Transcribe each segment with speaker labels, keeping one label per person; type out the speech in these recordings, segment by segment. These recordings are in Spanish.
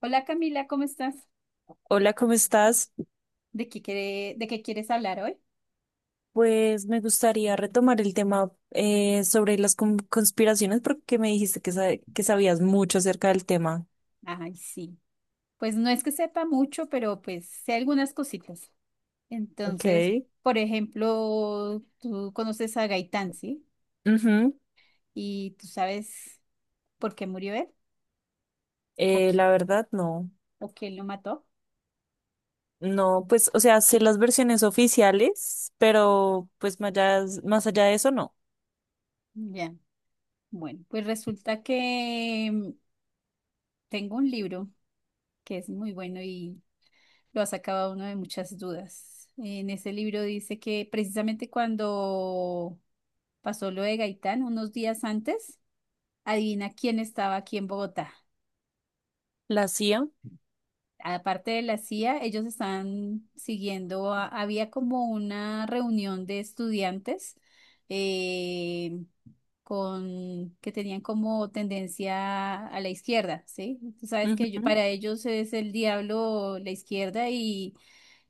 Speaker 1: Hola Camila, ¿cómo estás?
Speaker 2: Hola, ¿cómo estás?
Speaker 1: ¿De de qué quieres hablar hoy?
Speaker 2: Pues me gustaría retomar el tema sobre las conspiraciones porque me dijiste que sabías mucho acerca del tema.
Speaker 1: Ay, sí. Pues no es que sepa mucho, pero pues sé algunas cositas.
Speaker 2: Ok.
Speaker 1: Entonces, por ejemplo, tú conoces a Gaitán, ¿sí?
Speaker 2: Ujú.
Speaker 1: ¿Y tú sabes por qué murió él? ¿O, qui-
Speaker 2: La verdad, no.
Speaker 1: o quién lo mató?
Speaker 2: No, pues, o sea, sé las versiones oficiales, pero pues más allá de eso, no.
Speaker 1: Ya. Bueno, pues resulta que tengo un libro que es muy bueno y lo ha sacado uno de muchas dudas. En ese libro dice que precisamente cuando pasó lo de Gaitán unos días antes. Adivina quién estaba aquí en Bogotá.
Speaker 2: La CIA.
Speaker 1: Aparte de la CIA, ellos estaban siguiendo, había como una reunión de estudiantes eh, con, que tenían como tendencia a la izquierda, ¿sí? Tú sabes que yo-
Speaker 2: Ujú,
Speaker 1: para ellos es el diablo la izquierda y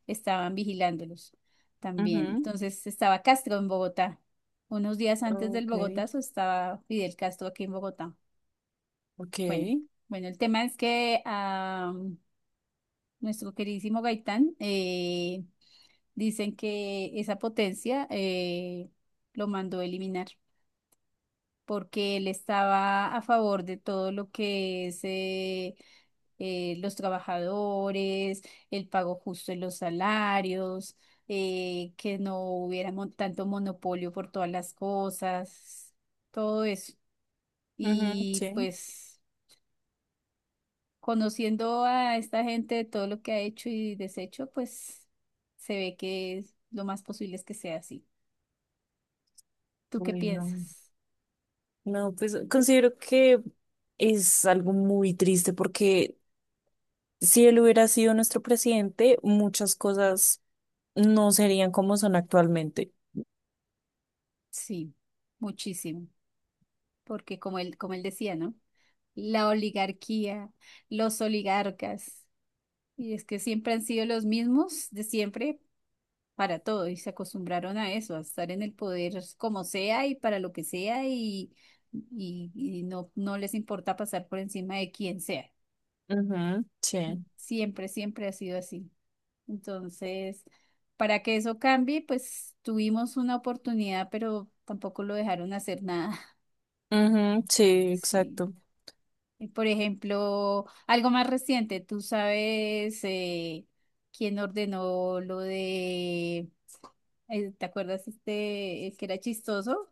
Speaker 1: estaban vigilándolos también.
Speaker 2: ujú,
Speaker 1: Entonces estaba Castro en Bogotá. Unos días antes del
Speaker 2: ok,
Speaker 1: Bogotazo estaba Fidel Castro aquí en Bogotá.
Speaker 2: ok,
Speaker 1: Bueno, bueno, el tema es que a nuestro queridísimo Gaitán dicen que esa potencia lo mandó a eliminar porque él estaba a favor de todo lo que es los trabajadores, el pago justo en los salarios, que no hubiera tanto monopolio por todas las cosas, todo eso.
Speaker 2: ujú,
Speaker 1: Y
Speaker 2: sí.
Speaker 1: pues conociendo a esta gente, todo lo que ha hecho y deshecho, pues se ve que es- lo más posible es que sea así. ¿Tú qué
Speaker 2: Bueno,
Speaker 1: piensas?
Speaker 2: no, pues considero que es algo muy triste porque si él hubiera sido nuestro presidente, muchas cosas no serían como son actualmente.
Speaker 1: Sí, muchísimo, porque como él decía, ¿no? La oligarquía, los oligarcas, y es que siempre han sido los mismos de siempre para todo y se acostumbraron a eso, a estar en el poder como sea y para lo que sea y, y no, no les importa pasar por encima de quien sea.
Speaker 2: Ujú, sí.
Speaker 1: Siempre, siempre ha sido así. Entonces, para que eso cambie, pues tuvimos una oportunidad, pero tampoco lo dejaron hacer nada.
Speaker 2: Ujú, sí,
Speaker 1: Sí.
Speaker 2: exacto.
Speaker 1: Y, por ejemplo, algo más reciente, tú sabes quién ordenó lo de, ¿te acuerdas este, el que era chistoso?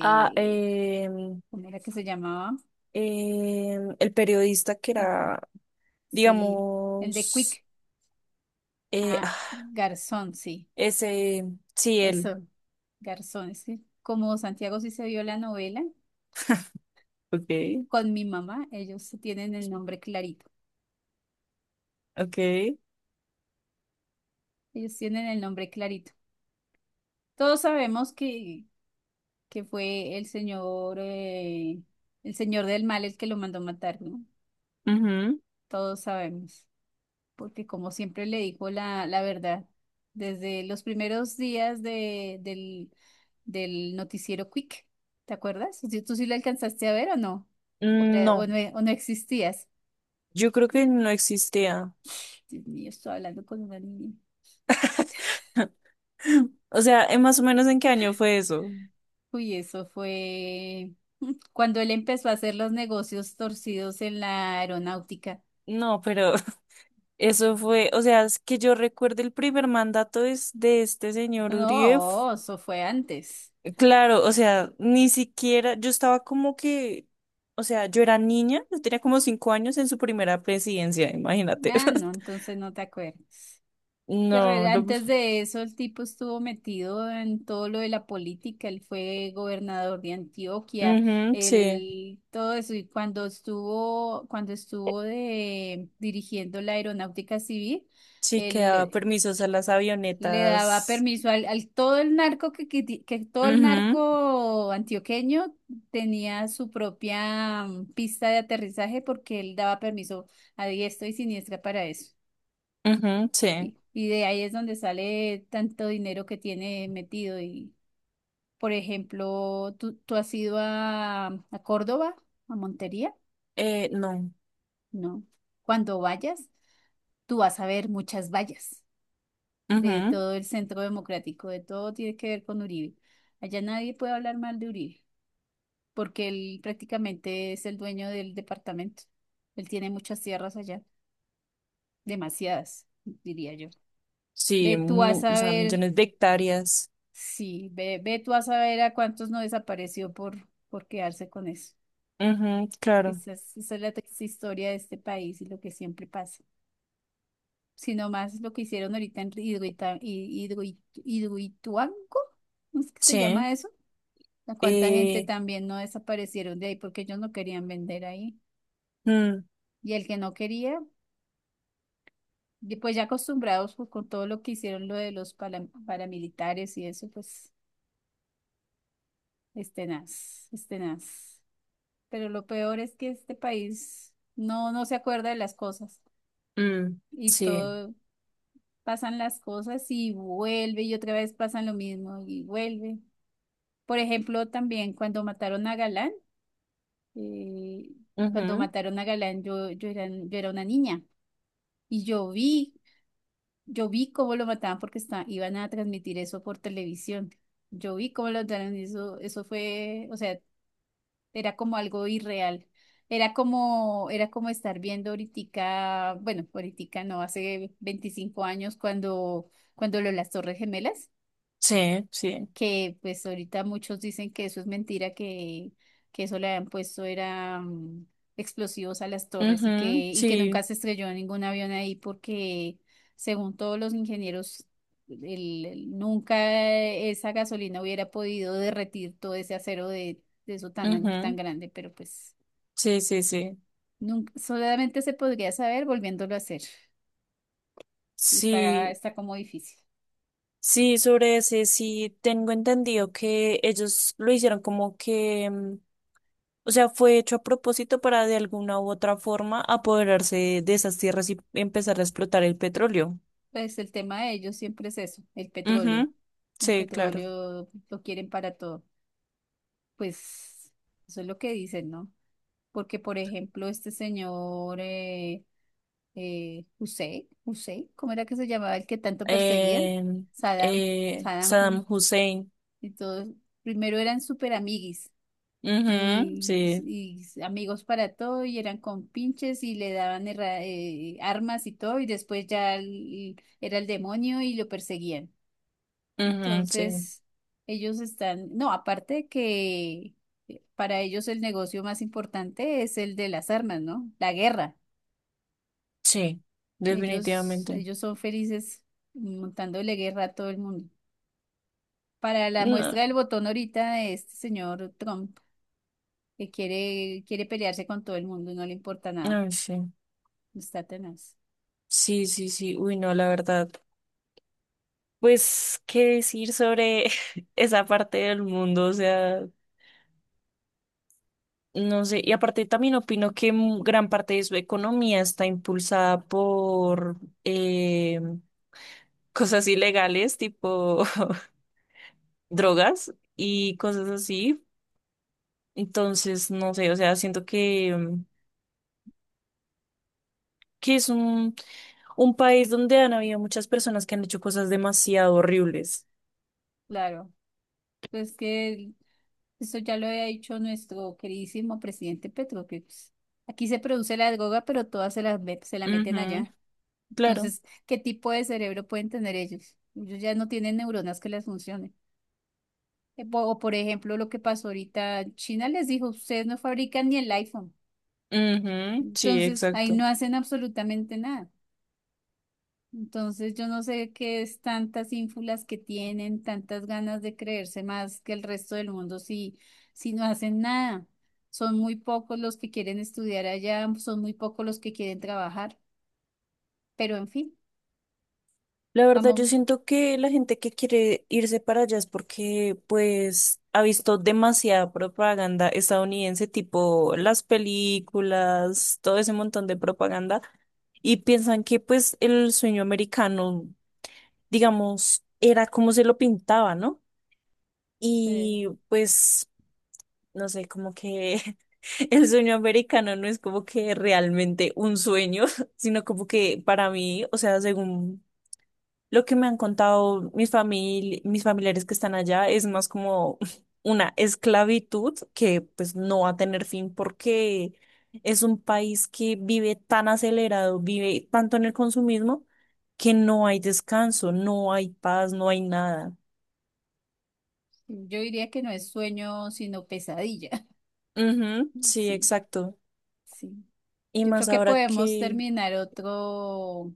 Speaker 2: Ah, em,
Speaker 1: ¿Cómo era que se llamaba?
Speaker 2: el periodista que
Speaker 1: Eh,
Speaker 2: era,
Speaker 1: Sí, el de
Speaker 2: digamos,
Speaker 1: Quick.
Speaker 2: eh,
Speaker 1: Ah,
Speaker 2: ah,
Speaker 1: Garzón, sí.
Speaker 2: ese, sí, él.
Speaker 1: Eso, Garzón. Es que como Santiago sí se vio la novela,
Speaker 2: Okay,
Speaker 1: con mi mamá, ellos tienen el nombre clarito.
Speaker 2: okay.
Speaker 1: Ellos tienen el nombre clarito. Todos sabemos que fue el señor del mal el que lo mandó matar, ¿no?
Speaker 2: Ujú.
Speaker 1: Todos sabemos, porque como siempre le dijo la, la verdad, desde los primeros días del noticiero Quick, ¿te acuerdas? ¿Tú sí lo alcanzaste a ver o no? ¿O, o
Speaker 2: No,
Speaker 1: no, existías?
Speaker 2: yo creo que no existía.
Speaker 1: Dios mío, estoy hablando con una niña.
Speaker 2: O sea, ¿en más o menos en qué año fue eso?
Speaker 1: Uy, eso fue cuando él empezó a hacer los negocios torcidos en la aeronáutica.
Speaker 2: No, pero eso fue, o sea, es que yo recuerdo el primer mandato es de este señor Uribe.
Speaker 1: No, eso fue antes.
Speaker 2: Claro, o sea, ni siquiera, yo estaba como que, o sea, yo era niña, yo tenía como 5 años en su primera presidencia, imagínate.
Speaker 1: Ah, no, entonces no te acuerdas. Que
Speaker 2: No,
Speaker 1: re- antes
Speaker 2: ujú,
Speaker 1: de eso el tipo estuvo metido en todo lo de la política. Él fue gobernador de Antioquia,
Speaker 2: sí,
Speaker 1: él, todo eso. Y cuando estuvo de, dirigiendo la aeronáutica civil,
Speaker 2: sí que daba
Speaker 1: él
Speaker 2: permisos a las
Speaker 1: le daba
Speaker 2: avionetas.
Speaker 1: permiso al, al todo el narco que, ti- que todo el
Speaker 2: Mhm,
Speaker 1: narco antioqueño tenía su propia pista de aterrizaje porque él daba permiso a diestro y siniestra para eso.
Speaker 2: mhm, sí.
Speaker 1: Y de ahí es donde sale tanto dinero que tiene metido. Y, por ejemplo, ¿tú has ido a, Córdoba, a Montería?
Speaker 2: No.
Speaker 1: No. Cuando vayas, tú vas a ver muchas vallas de
Speaker 2: Mhm,
Speaker 1: todo el centro democrático, de todo tiene que ver con Uribe. Allá nadie puede hablar mal de Uribe, porque él prácticamente es el dueño del departamento. Él tiene muchas tierras allá, demasiadas, diría yo.
Speaker 2: sí,
Speaker 1: Ve tú a
Speaker 2: o sea,
Speaker 1: saber,
Speaker 2: millones de hectáreas.
Speaker 1: sí, ve, ve tú a saber a cuántos no desapareció por quedarse con eso.
Speaker 2: Mhm, claro,
Speaker 1: Esa esa es la triste historia de este país y lo que siempre pasa. Sino más lo que hicieron ahorita en Hidroituango, ¿cómo es que se
Speaker 2: sí.
Speaker 1: llama eso? ¿No? ¿Cuánta gente
Speaker 2: Eh,
Speaker 1: también no desaparecieron de ahí porque ellos no querían vender ahí?
Speaker 2: mm,
Speaker 1: Y el que no quería, y pues ya acostumbrados pues, con todo lo que hicieron lo de los paramilitares y eso, pues es tenaz, es tenaz. Pero lo peor es que este país no, no se acuerda de las cosas
Speaker 2: Mm,
Speaker 1: y
Speaker 2: sí,
Speaker 1: todo, pasan las cosas y vuelve y otra vez pasan lo mismo y vuelve. Por ejemplo, también cuando mataron a Galán, eh, cuando
Speaker 2: ujú,
Speaker 1: mataron a Galán yo era una niña. Y yo vi cómo lo mataban porque iban a transmitir eso por televisión. Yo vi cómo lo mataron y eso fue, o sea, era como algo irreal. Era como estar viendo ahorita, bueno, ahorita no, hace 25 años cuando, cuando lo de las Torres Gemelas
Speaker 2: sí,
Speaker 1: que pues ahorita muchos dicen que eso es mentira, que, eso le habían puesto era explosivos a las torres
Speaker 2: ujú,
Speaker 1: y que nunca
Speaker 2: sí,
Speaker 1: se estrelló ningún avión ahí porque según todos los ingenieros, nunca esa gasolina hubiera podido derretir todo ese acero de, eso tan, tan
Speaker 2: ujú,
Speaker 1: grande, pero pues
Speaker 2: sí, sí, sí,
Speaker 1: nunca, solamente se podría saber volviéndolo a hacer y está,
Speaker 2: sí,
Speaker 1: está como difícil.
Speaker 2: sí, sobre ese sí tengo entendido que ellos lo hicieron como que, o sea, fue hecho a propósito para de alguna u otra forma apoderarse de esas tierras y empezar a explotar el petróleo.
Speaker 1: Pues el tema de ellos siempre es eso, el petróleo.
Speaker 2: Ujú,
Speaker 1: El
Speaker 2: sí, claro.
Speaker 1: petróleo lo quieren para todo. Pues eso es lo que dicen, ¿no? Porque, por ejemplo, este señor Hussein, ¿cómo era que se llamaba el que tanto perseguían?
Speaker 2: Eh,
Speaker 1: Saddam, Saddam
Speaker 2: Saddam
Speaker 1: Hussein
Speaker 2: Hussein.
Speaker 1: y todos. Primero eran súper amiguis
Speaker 2: Ujú, sí,
Speaker 1: y amigos para todo y eran con pinches y le daban armas y todo y después ya el- era el demonio y lo perseguían.
Speaker 2: ujú, sí,
Speaker 1: Entonces, ellos están, no, aparte que para ellos el negocio más importante es el de las armas, ¿no? La guerra.
Speaker 2: sí, definitivamente.
Speaker 1: Ellos son felices montándole guerra a todo el mundo. Para la
Speaker 2: No,
Speaker 1: muestra del botón ahorita de este señor Trump, que quiere pelearse con todo el mundo y no le importa nada.
Speaker 2: no sé.
Speaker 1: Está tenaz.
Speaker 2: Sí, sí, sí. Uy, no, la verdad. Pues, ¿qué decir sobre esa parte del mundo? O sea, no sé. Y aparte también opino que gran parte de su economía está impulsada por eh, cosas ilegales, tipo drogas y cosas así. Entonces, no sé, o sea, siento que, que es un país donde han habido muchas personas que han hecho cosas demasiado horribles.
Speaker 1: Claro. Pues que eso ya lo había dicho nuestro queridísimo presidente Petro, que pues, aquí se produce la droga, pero todas se la, se la meten
Speaker 2: Ujú,
Speaker 1: allá.
Speaker 2: claro.
Speaker 1: Entonces, ¿qué tipo de cerebro pueden tener ellos? Ellos ya no tienen neuronas que les funcionen. O, por ejemplo, lo que pasó ahorita, China les dijo, ustedes no fabrican ni el iPhone.
Speaker 2: Ujú, sí,
Speaker 1: Entonces, ahí
Speaker 2: exacto.
Speaker 1: no hacen absolutamente nada. Entonces, yo no sé qué es tantas ínfulas que tienen, tantas ganas de creerse más que el resto del mundo si, si no hacen nada. Son muy pocos los que quieren estudiar allá, son muy pocos los que quieren trabajar, pero en fin,
Speaker 2: La verdad,
Speaker 1: vamos.
Speaker 2: yo siento que la gente que quiere irse para allá es porque, pues, ha visto demasiada propaganda estadounidense, tipo las películas, todo ese montón de propaganda, y piensan que, pues, el sueño americano, digamos, era como se lo pintaba, ¿no?
Speaker 1: Sí.
Speaker 2: Y, pues, no sé, como que el sueño americano no es como que realmente un sueño, sino como que para mí, o sea, según lo que me han contado mis familiares que están allá es más como una esclavitud que pues no va a tener fin porque es un país que vive tan acelerado, vive tanto en el consumismo que no hay descanso, no hay paz, no hay nada.
Speaker 1: Yo diría que no es sueño, sino pesadilla.
Speaker 2: Ujú, sí,
Speaker 1: Sí,
Speaker 2: exacto.
Speaker 1: sí.
Speaker 2: Y
Speaker 1: Yo
Speaker 2: más
Speaker 1: creo que
Speaker 2: ahora
Speaker 1: podemos
Speaker 2: que...
Speaker 1: terminar otro,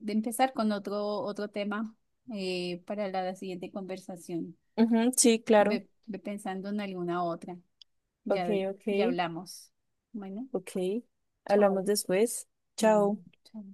Speaker 1: de empezar con otro tema para la siguiente conversación.
Speaker 2: Ujú, sí, claro.
Speaker 1: Ve, ve pensando en alguna otra.
Speaker 2: Ok,
Speaker 1: Ya,
Speaker 2: ok,
Speaker 1: ya hablamos. Bueno,
Speaker 2: ok. Hablamos
Speaker 1: chao.
Speaker 2: después. Chao.
Speaker 1: Bueno, chao.